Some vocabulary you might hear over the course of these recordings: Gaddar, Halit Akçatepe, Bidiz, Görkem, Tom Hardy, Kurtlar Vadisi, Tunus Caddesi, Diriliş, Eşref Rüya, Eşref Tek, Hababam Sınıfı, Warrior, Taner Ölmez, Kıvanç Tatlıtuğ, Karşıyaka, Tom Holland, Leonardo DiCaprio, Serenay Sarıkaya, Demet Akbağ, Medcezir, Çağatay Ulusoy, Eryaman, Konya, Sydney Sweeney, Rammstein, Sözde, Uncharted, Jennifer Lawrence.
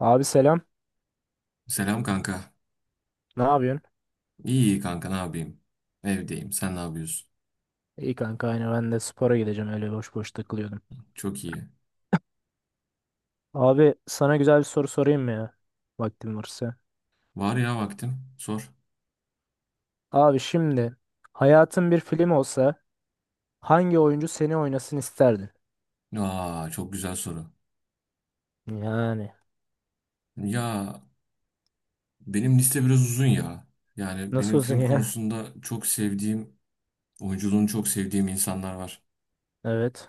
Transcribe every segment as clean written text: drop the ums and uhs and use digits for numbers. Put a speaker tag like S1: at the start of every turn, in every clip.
S1: Abi selam.
S2: Selam kanka.
S1: Ne yapıyorsun?
S2: İyi kanka ne yapayım? Evdeyim. Sen ne yapıyorsun?
S1: İyi kanka aynı ben de spora gideceğim, öyle boş boş takılıyordum.
S2: Çok iyi.
S1: Abi sana güzel bir soru sorayım mı ya? Vaktim varsa.
S2: Var ya vaktim. Sor.
S1: Abi şimdi hayatın bir film olsa hangi oyuncu seni oynasın isterdin?
S2: Aa çok güzel soru.
S1: Yani
S2: Ya benim liste biraz uzun ya. Yani
S1: nasıl
S2: benim
S1: olsun
S2: film
S1: ya?
S2: konusunda çok sevdiğim, oyunculuğunu çok sevdiğim insanlar var.
S1: Evet.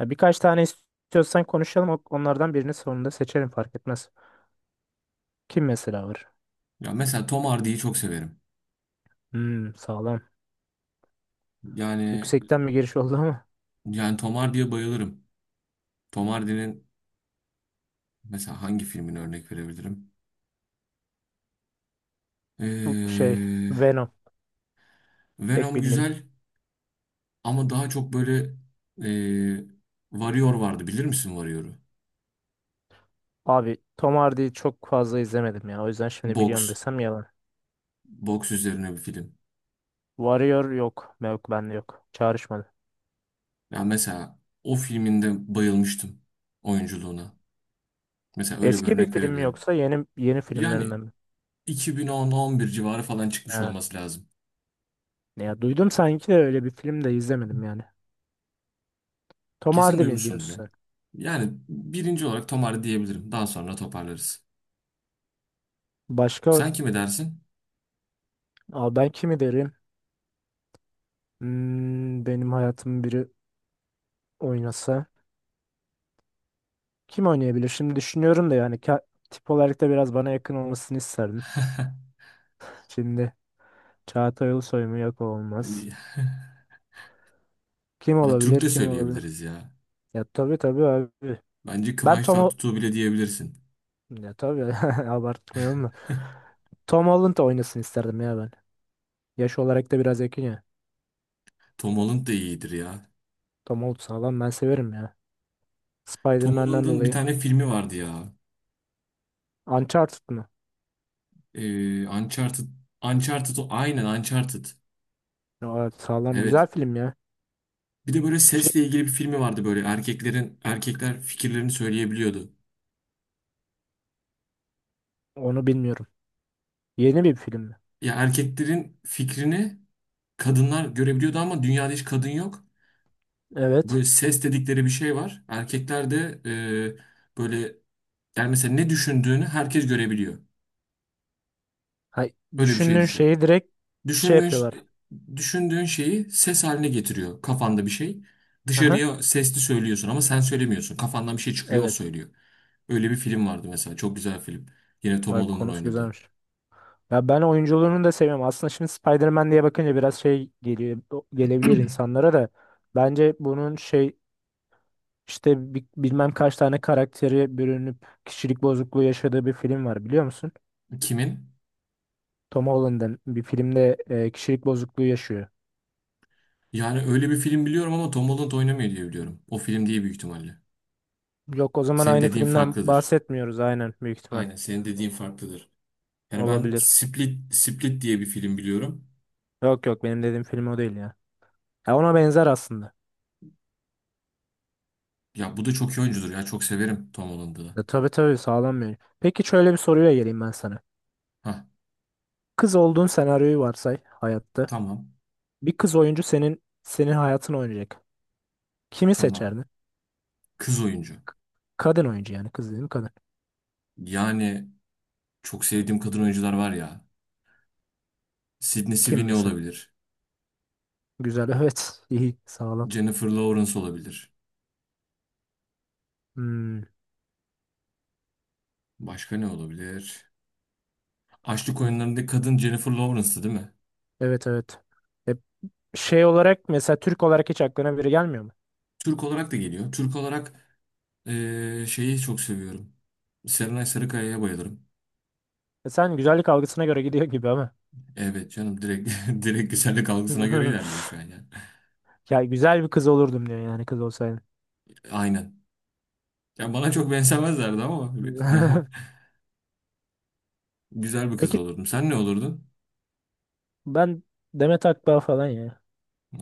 S1: Ya birkaç tane istiyorsan konuşalım, onlardan birini sonunda seçerim, fark etmez. Kim mesela var?
S2: Ya mesela Tom Hardy'yi çok severim.
S1: Hmm, sağlam.
S2: Yani
S1: Yüksekten bir giriş oldu ama
S2: yani Tom Hardy'ye bayılırım. Tom Hardy'nin mesela hangi filmini örnek verebilirim?
S1: bu şey,
S2: Ee,
S1: Venom, tek
S2: Venom
S1: bildiğim.
S2: güzel. Ama daha çok böyle eee Warrior vardı. Bilir misin Warrior'u?
S1: Abi Tom Hardy'yi çok fazla izlemedim ya. O yüzden şimdi
S2: Boks.
S1: biliyorum desem yalan.
S2: Boks üzerine bir film.
S1: Warrior yok. Yok, bende yok. Çağrışmadı.
S2: Ya mesela o filminde bayılmıştım oyunculuğuna. Mesela öyle bir
S1: Eski bir
S2: örnek
S1: film mi
S2: verebilirim.
S1: yoksa yeni yeni
S2: Yani
S1: filmlerinden mi?
S2: 2010-11 civarı falan çıkmış
S1: Ha.
S2: olması lazım.
S1: Ya duydum sanki de öyle bir film de izlemedim yani. Tom
S2: Kesin
S1: Hardy mi
S2: duymuşsundur
S1: diyorsun
S2: ya.
S1: sen?
S2: Yani birinci olarak Tom Hardy diyebilirim. Daha sonra toparlarız.
S1: Başka?
S2: Sen kime dersin?
S1: Aa, ben kimi derim? Hmm, benim hayatım biri oynasa. Kim oynayabilir? Şimdi düşünüyorum da, yani tip olarak da biraz bana yakın olmasını isterdim. Şimdi Çağatay Ulusoy mu? Yok, o olmaz. Kim
S2: Ha, Türk
S1: olabilir?
S2: de
S1: Kim olabilir?
S2: söyleyebiliriz ya.
S1: Ya tabii tabii abi.
S2: Bence
S1: Ben
S2: Kıvanç
S1: Tom Hol-
S2: Tatlıtuğ bile diyebilirsin.
S1: ya tabii, abartmayalım da. Tom Holland da oynasın isterdim ya ben. Yaş olarak da biraz yakın ya.
S2: Tom Holland da iyidir ya.
S1: Tom Holland sağlam, ben severim ya.
S2: Tom
S1: Spider-Man'den
S2: Holland'ın bir
S1: dolayı.
S2: tane filmi vardı ya.
S1: Uncharted mı?
S2: Uncharted. Uncharted o. Aynen Uncharted.
S1: Aa, sağlam güzel
S2: Evet.
S1: film ya.
S2: Bir de böyle
S1: Şey,
S2: sesle ilgili bir filmi vardı böyle. Erkeklerin, erkekler fikirlerini söyleyebiliyordu.
S1: onu bilmiyorum. Yeni bir film mi?
S2: Ya erkeklerin fikrini kadınlar görebiliyordu ama dünyada hiç kadın yok.
S1: Evet.
S2: Böyle ses dedikleri bir şey var. Erkekler de böyle yani mesela ne düşündüğünü herkes görebiliyor.
S1: Ha,
S2: Öyle bir şey
S1: düşündüğün
S2: düşün.
S1: şeyi direkt şey
S2: Düşündüğün,
S1: yapıyorlar.
S2: düşündüğün şeyi ses haline getiriyor kafanda bir şey.
S1: Aha,
S2: Dışarıya sesli söylüyorsun ama sen söylemiyorsun. Kafandan bir şey çıkıyor o
S1: evet.
S2: söylüyor. Öyle bir film vardı mesela. Çok güzel film. Yine Tom
S1: Vay,
S2: Holland'ın
S1: konusu
S2: oynadığı.
S1: güzelmiş. Ya ben oyunculuğunu da seviyorum. Aslında şimdi Spider-Man diye bakınca biraz şey geliyor, gelebilir insanlara da. Bence bunun şey, İşte bilmem kaç tane karakteri bürünüp kişilik bozukluğu yaşadığı bir film var, biliyor musun?
S2: Kimin?
S1: Tom Holland'ın bir filmde kişilik bozukluğu yaşıyor.
S2: Yani öyle bir film biliyorum ama Tom Holland oynamıyor diye biliyorum. O film değil büyük ihtimalle.
S1: Yok, o zaman
S2: Senin
S1: aynı
S2: dediğin
S1: filmden
S2: farklıdır.
S1: bahsetmiyoruz aynen, büyük ihtimal.
S2: Aynen senin dediğin farklıdır. Yani ben
S1: Olabilir.
S2: Split, Split diye bir film biliyorum.
S1: Yok yok, benim dediğim film o değil ya. Ya ona benzer aslında.
S2: Ya bu da çok iyi oyuncudur ya. Çok severim Tom Holland'ı da.
S1: Ya tabii tabii, sağlam bir oyun. Peki şöyle bir soruya geleyim ben sana.
S2: Hah,
S1: Kız olduğun senaryoyu varsay hayatta.
S2: tamam,
S1: Bir kız oyuncu senin hayatını oynayacak. Kimi
S2: tamam.
S1: seçerdin?
S2: Kız oyuncu.
S1: Kadın oyuncu yani, kız dedim, kadın.
S2: Yani çok sevdiğim kadın oyuncular var ya. Sydney
S1: Kim
S2: Sweeney
S1: mesela?
S2: olabilir.
S1: Güzel, evet, iyi, sağlam.
S2: Jennifer Lawrence olabilir.
S1: Hmm,
S2: Başka ne olabilir? Açlık oyunlarındaki kadın Jennifer Lawrence'tı değil mi?
S1: evet evet. E, şey olarak mesela, Türk olarak hiç aklına biri gelmiyor mu?
S2: Türk olarak da geliyor. Türk olarak şeyi çok seviyorum. Serenay Sarıkaya'ya bayılırım.
S1: E, sen güzellik algısına göre gidiyor gibi ama.
S2: Evet canım, direkt, direkt güzellik algısına göre ilerliyor şu an yani.
S1: Ya güzel bir kız olurdum diyor yani, kız olsaydı.
S2: Aynen. Ya bana çok benzemezlerdi ama yani güzel bir kız
S1: Peki
S2: olurdum. Sen ne olurdun?
S1: ben, Demet Akbağ falan ya.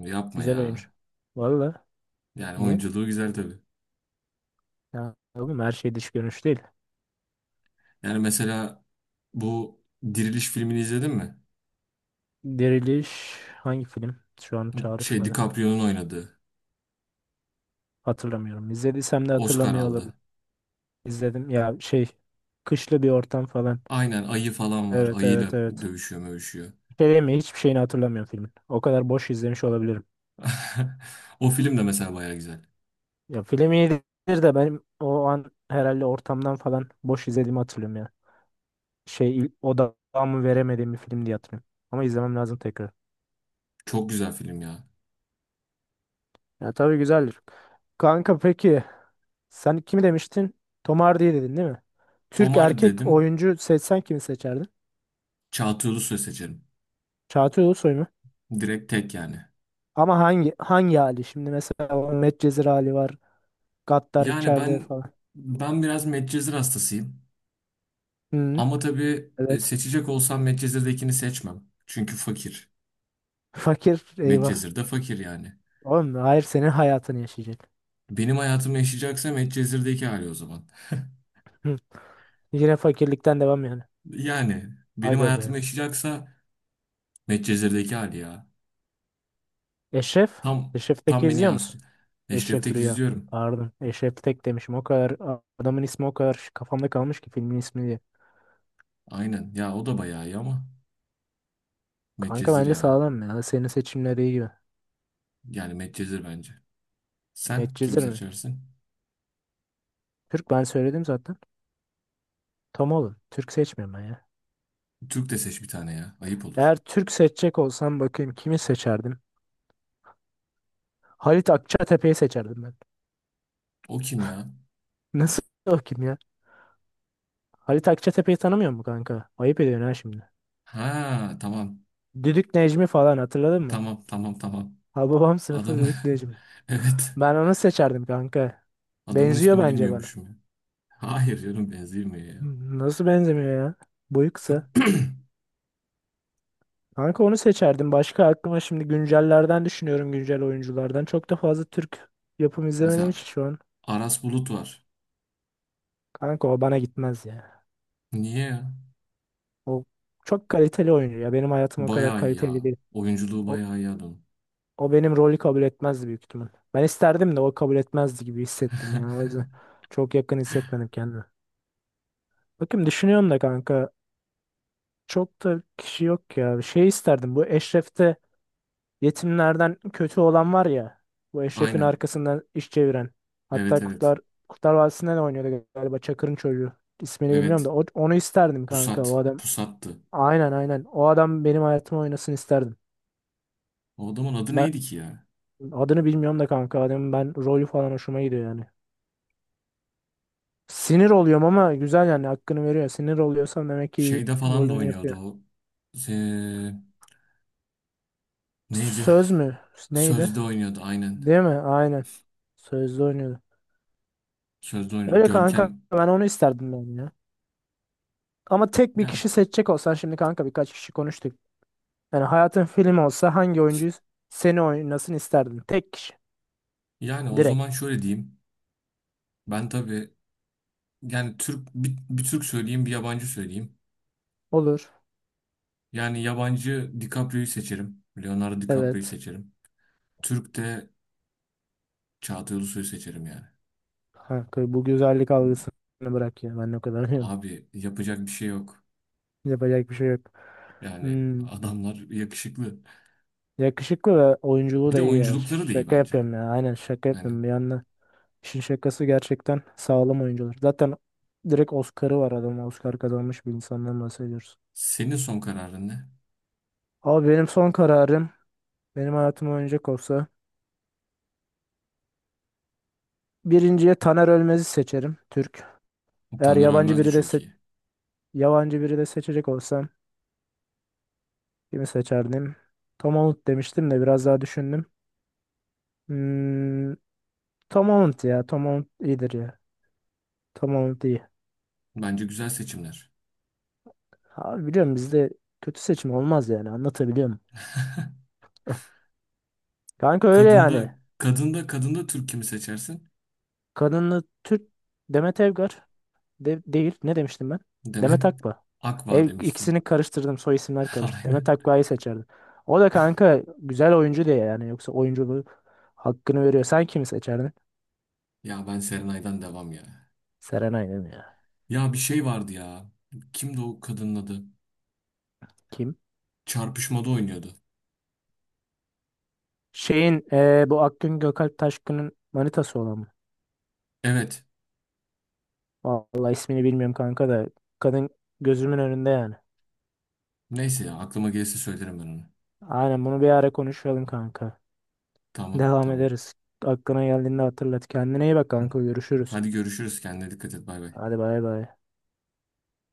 S2: Yapma
S1: Güzel
S2: ya.
S1: oyuncu. Valla.
S2: Yani
S1: Niye?
S2: oyunculuğu güzel tabii.
S1: Ya oğlum, her şey dış görünüş değil.
S2: Yani mesela bu Diriliş filmini izledin mi?
S1: Diriliş hangi film? Şu an
S2: Şey,
S1: çağrışmadı.
S2: DiCaprio'nun oynadığı.
S1: Hatırlamıyorum. İzlediysem de
S2: Oscar
S1: hatırlamıyor olurum.
S2: aldı.
S1: İzledim ya şey, kışlı bir ortam falan.
S2: Aynen ayı falan var.
S1: Evet
S2: Ayıyla
S1: evet evet.
S2: dövüşüyor mövüşüyor.
S1: Filmi, hiçbir şeyini hatırlamıyorum filmin. O kadar boş izlemiş olabilirim.
S2: O film de mesela baya güzel.
S1: Ya film iyidir de benim o an herhalde ortamdan falan boş izlediğimi hatırlıyorum ya. Şey, odamı veremediğim bir film diye hatırlıyorum. Ama izlemem lazım tekrar.
S2: Çok güzel film ya.
S1: Ya tabii, güzeldir. Kanka peki sen kimi demiştin? Tom Hardy'yi dedin değil mi?
S2: Tom
S1: Türk
S2: Hardy
S1: erkek
S2: dedim.
S1: oyuncu seçsen kimi seçerdin?
S2: Çağatay Ulusoy seçerim.
S1: Çağatay Ulusoy mu?
S2: Direkt tek yani.
S1: Ama hangi hali? Şimdi mesela o Medcezir hali var. Gaddar
S2: Yani
S1: içeride
S2: ben
S1: falan.
S2: ben biraz Medcezir hastasıyım.
S1: Hı,
S2: Ama tabii
S1: evet.
S2: seçecek olsam Medcezir'dekini seçmem. Çünkü fakir.
S1: Fakir, eyvah.
S2: Medcezir de fakir yani.
S1: Oğlum hayır, senin hayatını yaşayacak.
S2: Benim hayatımı yaşayacaksa Medcezir'deki hali o zaman.
S1: Hı. Yine fakirlikten devam yani.
S2: Yani benim
S1: Aga be.
S2: hayatımı yaşayacaksa Medcezir'deki hali ya.
S1: Eşref.
S2: Tam
S1: Eşref Tek'i
S2: tam beni
S1: izliyor musun?
S2: yansıtıyor. Eşref
S1: Eşref
S2: Tek
S1: Rüya.
S2: izliyorum.
S1: Pardon. Eşref Tek demişim. O kadar adamın ismi o kadar kafamda kalmış ki, filmin ismi diye.
S2: Aynen. Ya o da bayağı iyi ama
S1: Kanka
S2: Medcezir
S1: bence
S2: ya.
S1: sağlam ya. Senin seçimleri iyi gibi.
S2: Yani Medcezir bence. Sen kimi
S1: Medcezir mi?
S2: seçersin?
S1: Türk, ben söyledim zaten. Tam oğlum. Türk seçmiyorum ben ya.
S2: Türk de seç bir tane ya. Ayıp olur.
S1: Eğer Türk seçecek olsam, bakayım kimi seçerdim? Halit Akçatepe'yi seçerdim ben.
S2: O kim ya?
S1: Nasıl o kim ya? Halit Akçatepe'yi tanımıyor mu kanka? Ayıp ediyorsun ha şimdi.
S2: Ha, tamam.
S1: Düdük Necmi falan hatırladın mı?
S2: Tamam, tamam, tamam.
S1: Hababam Sınıfı,
S2: Adam,
S1: Düdük Necmi.
S2: evet.
S1: Ben onu seçerdim kanka.
S2: Adamın
S1: Benziyor
S2: ismini
S1: bence bana.
S2: bilmiyormuşum ya. Hayır canım, benzemiyor ya.
S1: Nasıl benzemiyor ya? Boyu kısa. Kanka onu seçerdim. Başka, aklıma şimdi güncellerden düşünüyorum, güncel oyunculardan. Çok da fazla Türk yapım izlemedim hiç
S2: Mesela
S1: şu an.
S2: Aras Bulut var.
S1: Kanka o bana gitmez ya.
S2: Niye ya?
S1: O çok kaliteli oyuncu ya. Benim hayatım o kadar
S2: Bayağı iyi
S1: kaliteli
S2: ya.
S1: değil.
S2: Oyunculuğu
S1: O,
S2: bayağı iyi adamın.
S1: o benim rolü kabul etmezdi büyük ihtimal. Ben isterdim de o kabul etmezdi gibi hissettim ya. O yüzden çok yakın hissetmedim kendimi. Bakayım, düşünüyorum da kanka. Çok da kişi yok ya. Şey isterdim, bu Eşref'te yetimlerden kötü olan var ya. Bu Eşref'in
S2: Aynen.
S1: arkasından iş çeviren.
S2: Evet,
S1: Hatta
S2: evet.
S1: Kurtlar Vadisi'nde de oynuyordu galiba, Çakır'ın çocuğu. İsmini bilmiyorum
S2: Evet.
S1: da onu isterdim kanka,
S2: Pusat.
S1: o adam.
S2: Pusattı.
S1: Aynen aynen. O adam benim hayatımı oynasın isterdim.
S2: O adamın adı
S1: Ben
S2: neydi ki ya?
S1: adını bilmiyorum da kanka, adamın ben rolü falan hoşuma gidiyor yani. Sinir oluyorum ama güzel yani, hakkını veriyor. Sinir oluyorsam demek ki
S2: Şeyde falan da
S1: rolünü
S2: oynuyordu
S1: yapıyor.
S2: o. Ee, neydi?
S1: Söz mü? Neydi?
S2: Sözde oynuyordu aynen.
S1: Değil mi? Aynen. Sözlü oynuyordu.
S2: Sözde oynuyordu.
S1: Öyle kanka,
S2: Görkem.
S1: ben onu isterdim ben ya. Ama tek bir
S2: Yani
S1: kişi seçecek olsan şimdi kanka, birkaç kişi konuştuk. Yani hayatın film olsa hangi oyuncu seni oynasın isterdin? Tek kişi.
S2: yani o zaman
S1: Direkt.
S2: şöyle diyeyim. Ben tabii yani Türk bir Türk söyleyeyim, bir yabancı söyleyeyim.
S1: Olur.
S2: Yani yabancı DiCaprio'yu seçerim. Leonardo DiCaprio'yu
S1: Evet.
S2: seçerim. Türk de Çağatay Ulusoy'u seçerim yani.
S1: Kanka bu güzellik algısını bırak ya. Ben o kadar diyorum.
S2: Abi yapacak bir şey yok.
S1: Yapacak bir şey yok.
S2: Yani
S1: Hmm.
S2: adamlar yakışıklı.
S1: Yakışıklı ve oyunculuğu
S2: Bir
S1: da
S2: de
S1: iyi ya.
S2: oyunculukları da iyi
S1: Şaka
S2: bence.
S1: yapıyorum ya. Aynen, şaka
S2: Yani
S1: yapıyorum. Bir yandan işin şakası, gerçekten sağlam oyuncular. Zaten direkt Oscar'ı var adam. Oscar kazanmış bir insandan bahsediyoruz.
S2: senin son kararın ne?
S1: Abi benim son kararım. Benim hayatım oynayacak olsa birinciye Taner Ölmez'i seçerim, Türk. Eğer
S2: Taner Ölmez de çok iyi.
S1: yabancı biri de seçecek olsam kimi seçerdim? Tom Holland demiştim de biraz daha düşündüm. Hmm, Tom Holland ya, Tom Holland iyidir ya. Tom Holland iyi.
S2: Bence güzel seçimler.
S1: Abi biliyorum, bizde kötü seçim olmaz yani, anlatabiliyorum. Kanka öyle yani.
S2: Kadında Türk kimi seçersin?
S1: Kadınlı Türk, Demet Evgar. Değil. Ne demiştim ben?
S2: Demet
S1: Demet Akba. E,
S2: Akva
S1: ikisini
S2: demiştin.
S1: karıştırdım. Soy isimler karıştı. Demet
S2: Aynen.
S1: Akba'yı seçerdim. O da kanka güzel oyuncu diye yani. Yoksa oyunculuğu hakkını veriyor. Sen kimi seçerdin?
S2: Ya ben Serenay'dan devam ya.
S1: Serenay'ı değil mi ya?
S2: Ya bir şey vardı ya. Kimdi o kadının adı?
S1: Kim?
S2: Çarpışmada oynuyordu.
S1: Şeyin bu Akgün Gökalp Taşkın'ın manitası olan mı?
S2: Evet.
S1: Vallahi ismini bilmiyorum kanka da. Kadın gözümün önünde yani.
S2: Neyse ya, aklıma gelirse söylerim ben onu.
S1: Aynen, bunu bir ara konuşalım kanka.
S2: Tamam,
S1: Devam
S2: tamam.
S1: ederiz. Aklına geldiğinde hatırlat. Kendine iyi bak kanka. Görüşürüz.
S2: Hadi görüşürüz. Kendine dikkat et. Bay bay.
S1: Hadi bay bay.